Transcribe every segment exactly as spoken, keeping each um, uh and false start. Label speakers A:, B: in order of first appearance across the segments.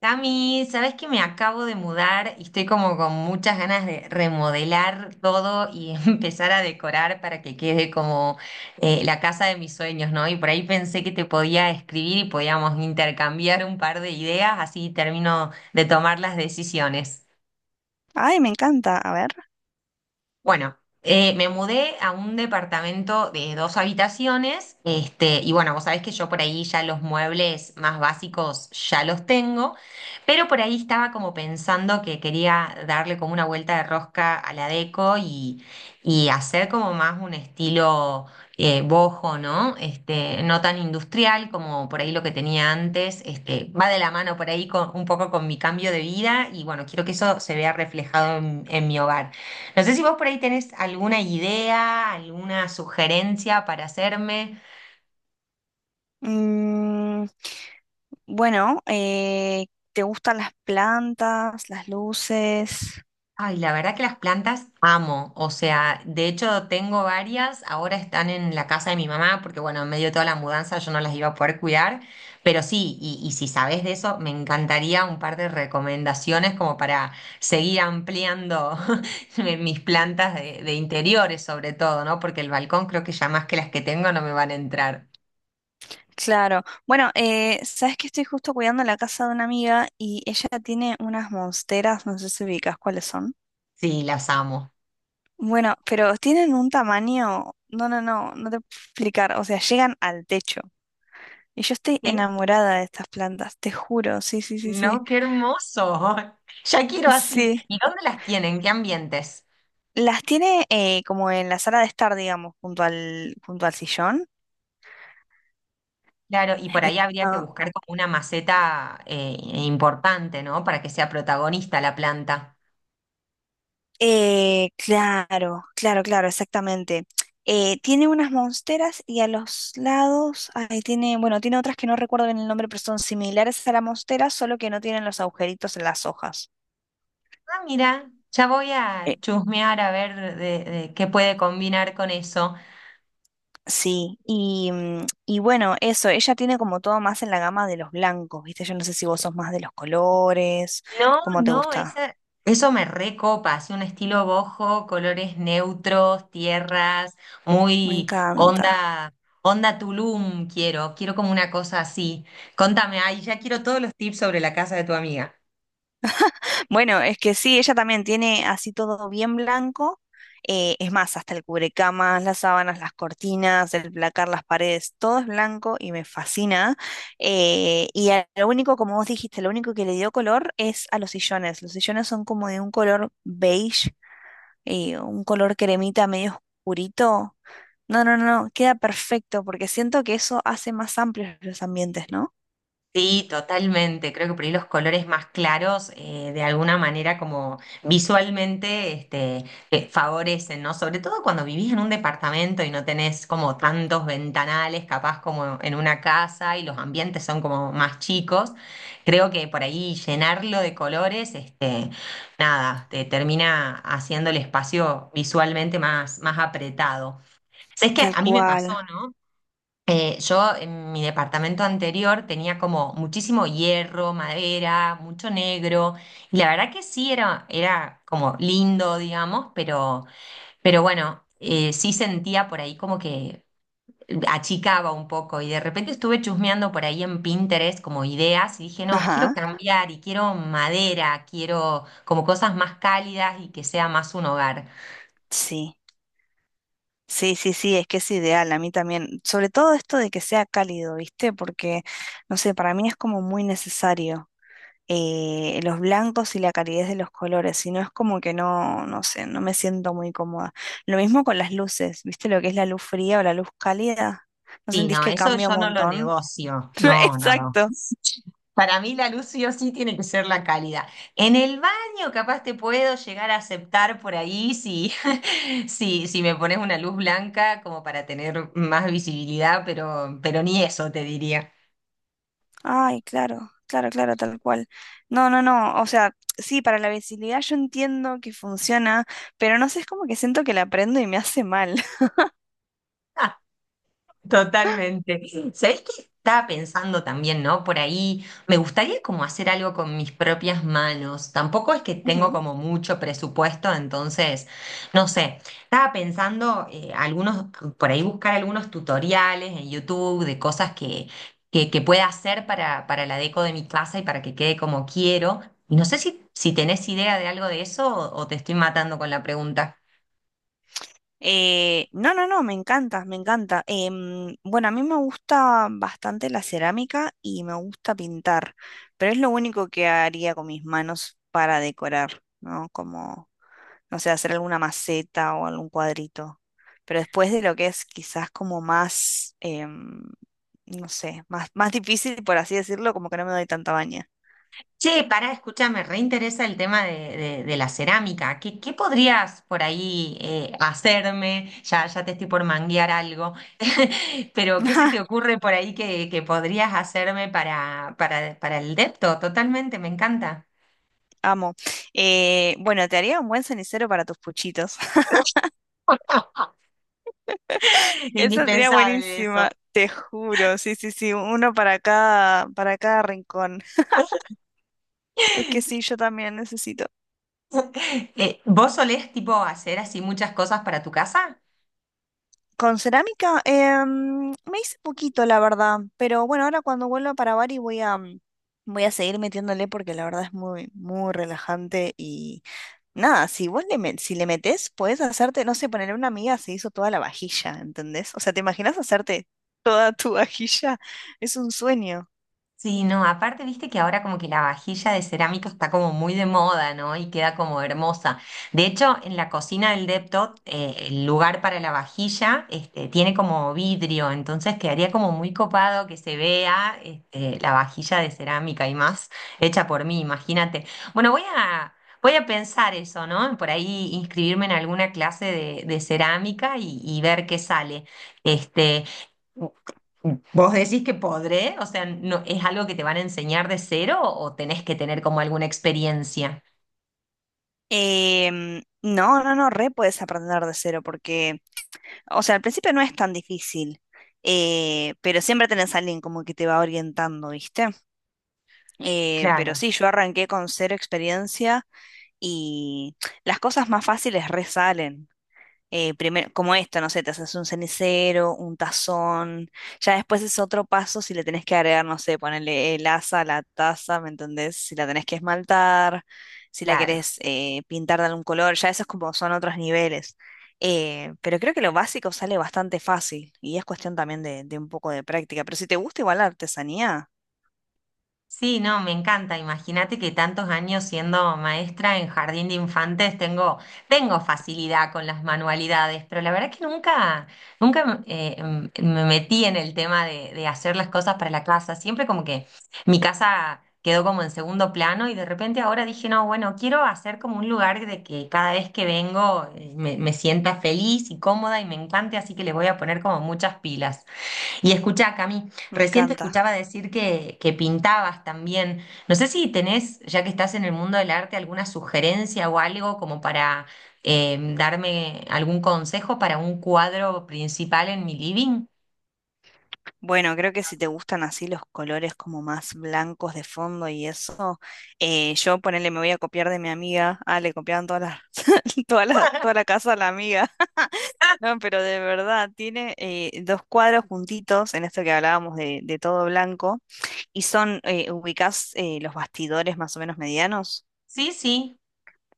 A: Cami, sabes que me acabo de mudar y estoy como con muchas ganas de remodelar todo y empezar a decorar para que quede como eh, la casa de mis sueños, ¿no? Y por ahí pensé que te podía escribir y podíamos intercambiar un par de ideas, así termino de tomar las decisiones.
B: Ay, me encanta. A ver.
A: Bueno, eh, me mudé a un departamento de dos habitaciones, este, y bueno, vos sabés que yo por ahí ya los muebles más básicos ya los tengo, pero por ahí estaba como pensando que quería darle como una vuelta de rosca a la deco y, y hacer como más un estilo eh, boho, ¿no? Este, no tan industrial como por ahí lo que tenía antes, este, va de la mano por ahí con- un poco con mi cambio de vida y bueno, quiero que eso se vea reflejado en en mi hogar. No sé si vos por ahí tenés alguna idea, alguna sugerencia para hacerme.
B: Mm, bueno, eh, ¿te gustan las plantas, las luces?
A: Ay, la verdad que las plantas amo. O sea, de hecho tengo varias. Ahora están en la casa de mi mamá porque, bueno, en medio de toda la mudanza yo no las iba a poder cuidar. Pero sí, y, y si sabés de eso, me encantaría un par de recomendaciones como para seguir ampliando mi- mis plantas de, de interiores sobre todo, ¿no? Porque el balcón creo que ya más que las que tengo no me van a entrar.
B: Claro. Bueno, eh, sabes que estoy justo cuidando la casa de una amiga y ella tiene unas monsteras, no sé si ubicas cuáles son.
A: Sí, las amo.
B: Bueno, pero tienen un tamaño, no, no, no, no te puedo explicar. O sea, llegan al techo. Y yo estoy enamorada de estas plantas, te juro. Sí, sí, sí, sí.
A: No, qué hermoso. Ya quiero así.
B: Sí.
A: ¿Y dónde las tienen? ¿Qué ambientes?
B: Las tiene eh, como en la sala de estar, digamos, junto al, junto al sillón.
A: Claro, y por ahí habría que
B: No.
A: buscar como una maceta eh, importante, ¿no? Para que sea protagonista la planta.
B: Eh, claro, claro, claro, exactamente. Eh, tiene unas monsteras y a los lados, ahí tiene, bueno, tiene otras que no recuerdo bien el nombre, pero son similares a la monstera, solo que no tienen los agujeritos en las hojas.
A: Ah, mira, ya voy a
B: Eh,
A: chusmear a ver de, de qué puede combinar con eso.
B: sí, y, mm, y bueno, eso, ella tiene como todo más en la gama de los blancos, ¿viste? Yo no sé si vos sos más de los colores,
A: No,
B: ¿cómo te
A: no,
B: gusta?
A: esa, eso me recopa, así un estilo bojo, colores neutros, tierras,
B: Me
A: muy
B: encanta.
A: onda, onda Tulum quiero, quiero como una cosa así. Contame, ay, ya quiero todos los tips sobre la casa de tu amiga.
B: Bueno, es que sí, ella también tiene así todo bien blanco. Eh, es más, hasta el cubrecamas, las sábanas, las cortinas, el placar, las paredes, todo es blanco y me fascina. Eh, y a- lo único, como vos dijiste, lo único que le dio color es a los sillones. Los sillones son como de un color beige, eh, un color cremita medio oscurito. No, no, no, queda perfecto porque siento que eso hace más amplios los ambientes, ¿no?
A: Sí, totalmente. Creo que por ahí los colores más claros, eh, de alguna manera, como visualmente, este, eh, favorecen, ¿no? Sobre todo cuando vivís en un departamento y no tenés como tantos ventanales, capaz como en una casa y los ambientes son como más chicos. Creo que por ahí llenarlo de colores, este, nada, te termina haciendo el espacio visualmente más, más apretado. Es que
B: Tal
A: a mí me
B: cual.
A: pasó, ¿no? Eh, yo en mi departamento anterior tenía como muchísimo hierro, madera, mucho negro, y la verdad que sí era, era como lindo, digamos, pero, pero bueno, eh, sí sentía por ahí como que achicaba un poco y de repente estuve chusmeando por ahí en Pinterest como ideas y dije, no, quiero
B: Ajá,
A: cambiar y quiero madera, quiero como cosas más cálidas y que sea más un hogar.
B: sí. Sí, sí, sí, es que es ideal, a mí también. Sobre todo esto de que sea cálido, ¿viste? Porque, no sé, para mí es como muy necesario eh, los blancos y la calidez de los colores, si no es como que no, no sé, no me siento muy cómoda. Lo mismo con las luces, ¿viste? Lo que es la luz fría o la luz cálida, ¿no
A: Sí,
B: sentís
A: no,
B: que
A: eso
B: cambia un
A: yo no lo
B: montón?
A: negocio. No, no, no.
B: Exacto.
A: Para mí la luz sí o sí tiene que ser la cálida. En el baño capaz te puedo llegar a aceptar por ahí si, si, si me pones una luz blanca como para tener más visibilidad, pero, pero ni eso te diría.
B: Ay, claro, claro, claro, tal cual. No, no, no, o sea, sí, para la visibilidad yo entiendo que funciona, pero no sé, es como que siento que la prendo y me hace mal.
A: Totalmente. ¿Sabés qué estaba pensando también, no? Por ahí me gustaría como hacer algo con mis propias manos. Tampoco es que tengo como mucho presupuesto, entonces, no sé. Estaba pensando eh, algunos, por ahí buscar algunos tutoriales en YouTube de cosas que, que, que pueda hacer para, para la deco de mi casa y para que quede como quiero. Y no sé si, si tenés idea de algo de eso o o te estoy matando con la pregunta.
B: Eh, no, no, no, me encanta, me encanta. Em, bueno, a mí me gusta bastante la cerámica y me gusta pintar, pero es lo único que haría con mis manos para decorar, ¿no? Como, no sé, hacer alguna maceta o algún cuadrito. Pero después de lo que es quizás como más, em, no sé, más, más difícil, por así decirlo, como que no me doy tanta baña.
A: Che, pará, escúchame, reinteresa el tema de, de- de la cerámica. ¿Qué, Qué podrías por ahí eh, hacerme? Ya, ya te estoy por manguear algo, pero ¿qué se te ocurre por ahí que, que podrías hacerme para, para, para el depto? Totalmente, me encanta.
B: Amo. Eh, bueno, te haría un buen cenicero para tus puchitos. Esa sería
A: Indispensable eso.
B: buenísima, te juro. Sí, sí, sí, uno para cada, para cada rincón. Es que sí, yo también necesito.
A: Eh, ¿vos solés tipo hacer así muchas cosas para tu casa?
B: Con cerámica, em, me hice poquito, la verdad. Pero bueno, ahora cuando vuelva para Bari voy a, mm, voy a seguir metiéndole porque la verdad es muy, muy relajante. Y nada, si vos le, met- si le metés, podés hacerte, no sé, ponerle una amiga se hizo toda la vajilla, ¿entendés? O sea, ¿te imaginas hacerte toda tu vajilla? Es un sueño.
A: Sí, no, aparte viste que ahora como que la vajilla de cerámica está como muy de moda, ¿no? Y queda como hermosa. De hecho, en la cocina del Deptot, eh, el lugar para la vajilla, este, tiene como vidrio, entonces quedaría como muy copado que se vea, este, la vajilla de cerámica y más hecha por mí, imagínate. Bueno, voy a, Voy a pensar eso, ¿no? Por ahí inscribirme en alguna clase de, de cerámica y, y ver qué sale. Este. ¿Vos decís que podré? O sea, no, ¿es algo que te van a enseñar de cero o tenés que tener como alguna experiencia?
B: Em, no, no, no, re puedes aprender de cero porque, o sea, al principio no es tan difícil, eh, pero siempre tenés a alguien como que te va orientando, ¿viste? Eh,
A: Claro,
B: pero sí, yo arranqué con cero experiencia y las cosas más fáciles resalen eh, primero, como esto, no sé, te haces un cenicero, un tazón, ya después es otro paso si le tenés que agregar, no sé, ponerle el asa a la taza, ¿me entendés? Si la tenés que esmaltar, si la
A: claro.
B: querés eh, pintar de algún color, ya esos como son otros niveles. Eh, pero creo que lo básico sale bastante fácil y es cuestión también de, de un poco de práctica. Pero si te gusta igual la artesanía,
A: Sí, no, me encanta. Imagínate que tantos años siendo maestra en jardín de infantes tengo, tengo facilidad con las manualidades, pero la verdad que nunca, nunca eh, em, me metí en el tema de, de hacer las cosas para la casa. Siempre como que mi casa quedó como en segundo plano y de repente ahora dije, no, bueno, quiero hacer como un lugar de que cada vez que vengo eh, me, me sienta feliz y cómoda y me encante, así que le voy a poner como muchas pilas. Y escuchá, Cami,
B: me
A: recién te
B: encanta.
A: escuchaba decir que, que pintabas también. No sé si tenés, ya que estás en el mundo del arte, alguna sugerencia o algo como para eh, darme algún consejo para un cuadro principal en mi living.
B: Bueno, creo que si te gustan así los colores como más blancos de fondo y eso, eh, yo ponele, me voy a copiar de mi amiga. Ah, le copiaban todas las, toda la, toda la casa a la amiga.
A: Ah,
B: No, pero de verdad, tiene eh, dos cuadros juntitos en esto que hablábamos de, de todo blanco y son, eh, ubicás eh, los bastidores más o menos medianos.
A: sí, sí.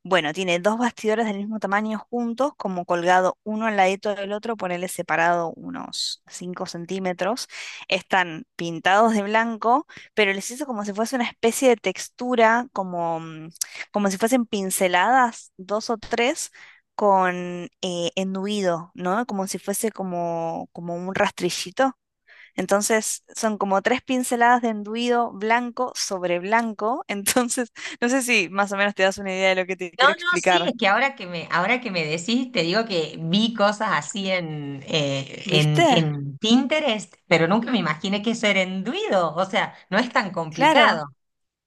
B: Bueno, tiene dos bastidores del mismo tamaño juntos, como colgado uno al ladito del otro, ponele separado unos cinco centímetros. Están pintados de blanco, pero les hizo como si fuese una especie de textura, como, mm, como si fuesen pinceladas, dos o tres, con eh, enduido, ¿no? Como si fuese como, como un rastrillito. Entonces son como tres pinceladas de enduido blanco sobre blanco. Entonces, no sé si más o menos te das una idea de lo que te
A: No,
B: quiero
A: no, sí,
B: explicar.
A: es que ahora que me, ahora que me decís, te digo que vi cosas así en, eh,
B: ¿Viste?
A: en, en Pinterest, pero nunca me imaginé que eso era enduido. O sea, no es tan
B: Claro.
A: complicado.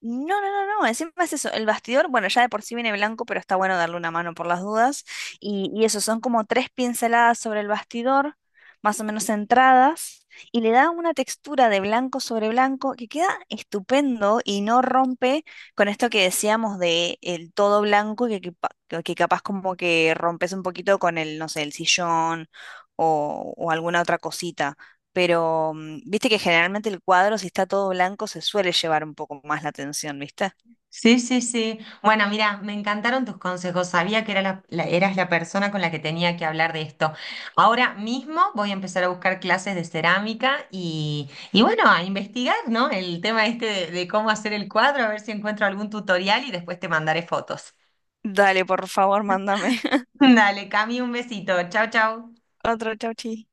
B: No, no, no, no, encima es eso, el bastidor, bueno, ya de por sí viene blanco, pero está bueno darle una mano por las dudas. Y, y eso, son como tres pinceladas sobre el bastidor, más o menos centradas, y le da una textura de blanco sobre blanco que queda estupendo y no rompe con esto que decíamos de el todo blanco, que, que, pa- que- que capaz como que rompes un poquito con el, no sé, el sillón o, o alguna otra cosita pero mm, viste que generalmente el cuadro, si está todo blanco, se suele llevar un poco más la atención, ¿viste?
A: Sí, sí, sí. Bueno, mira, me encantaron tus consejos. Sabía que era la- la- eras la persona con la que tenía que hablar de esto. Ahora mismo voy a empezar a buscar clases de cerámica y, y bueno, a investigar, ¿no? El tema este de, de cómo hacer el cuadro, a ver si encuentro algún tutorial y después te mandaré fotos.
B: Dale, por favor, mándame
A: Dale, Cami, un besito. Chau, chau.
B: otro chauchi.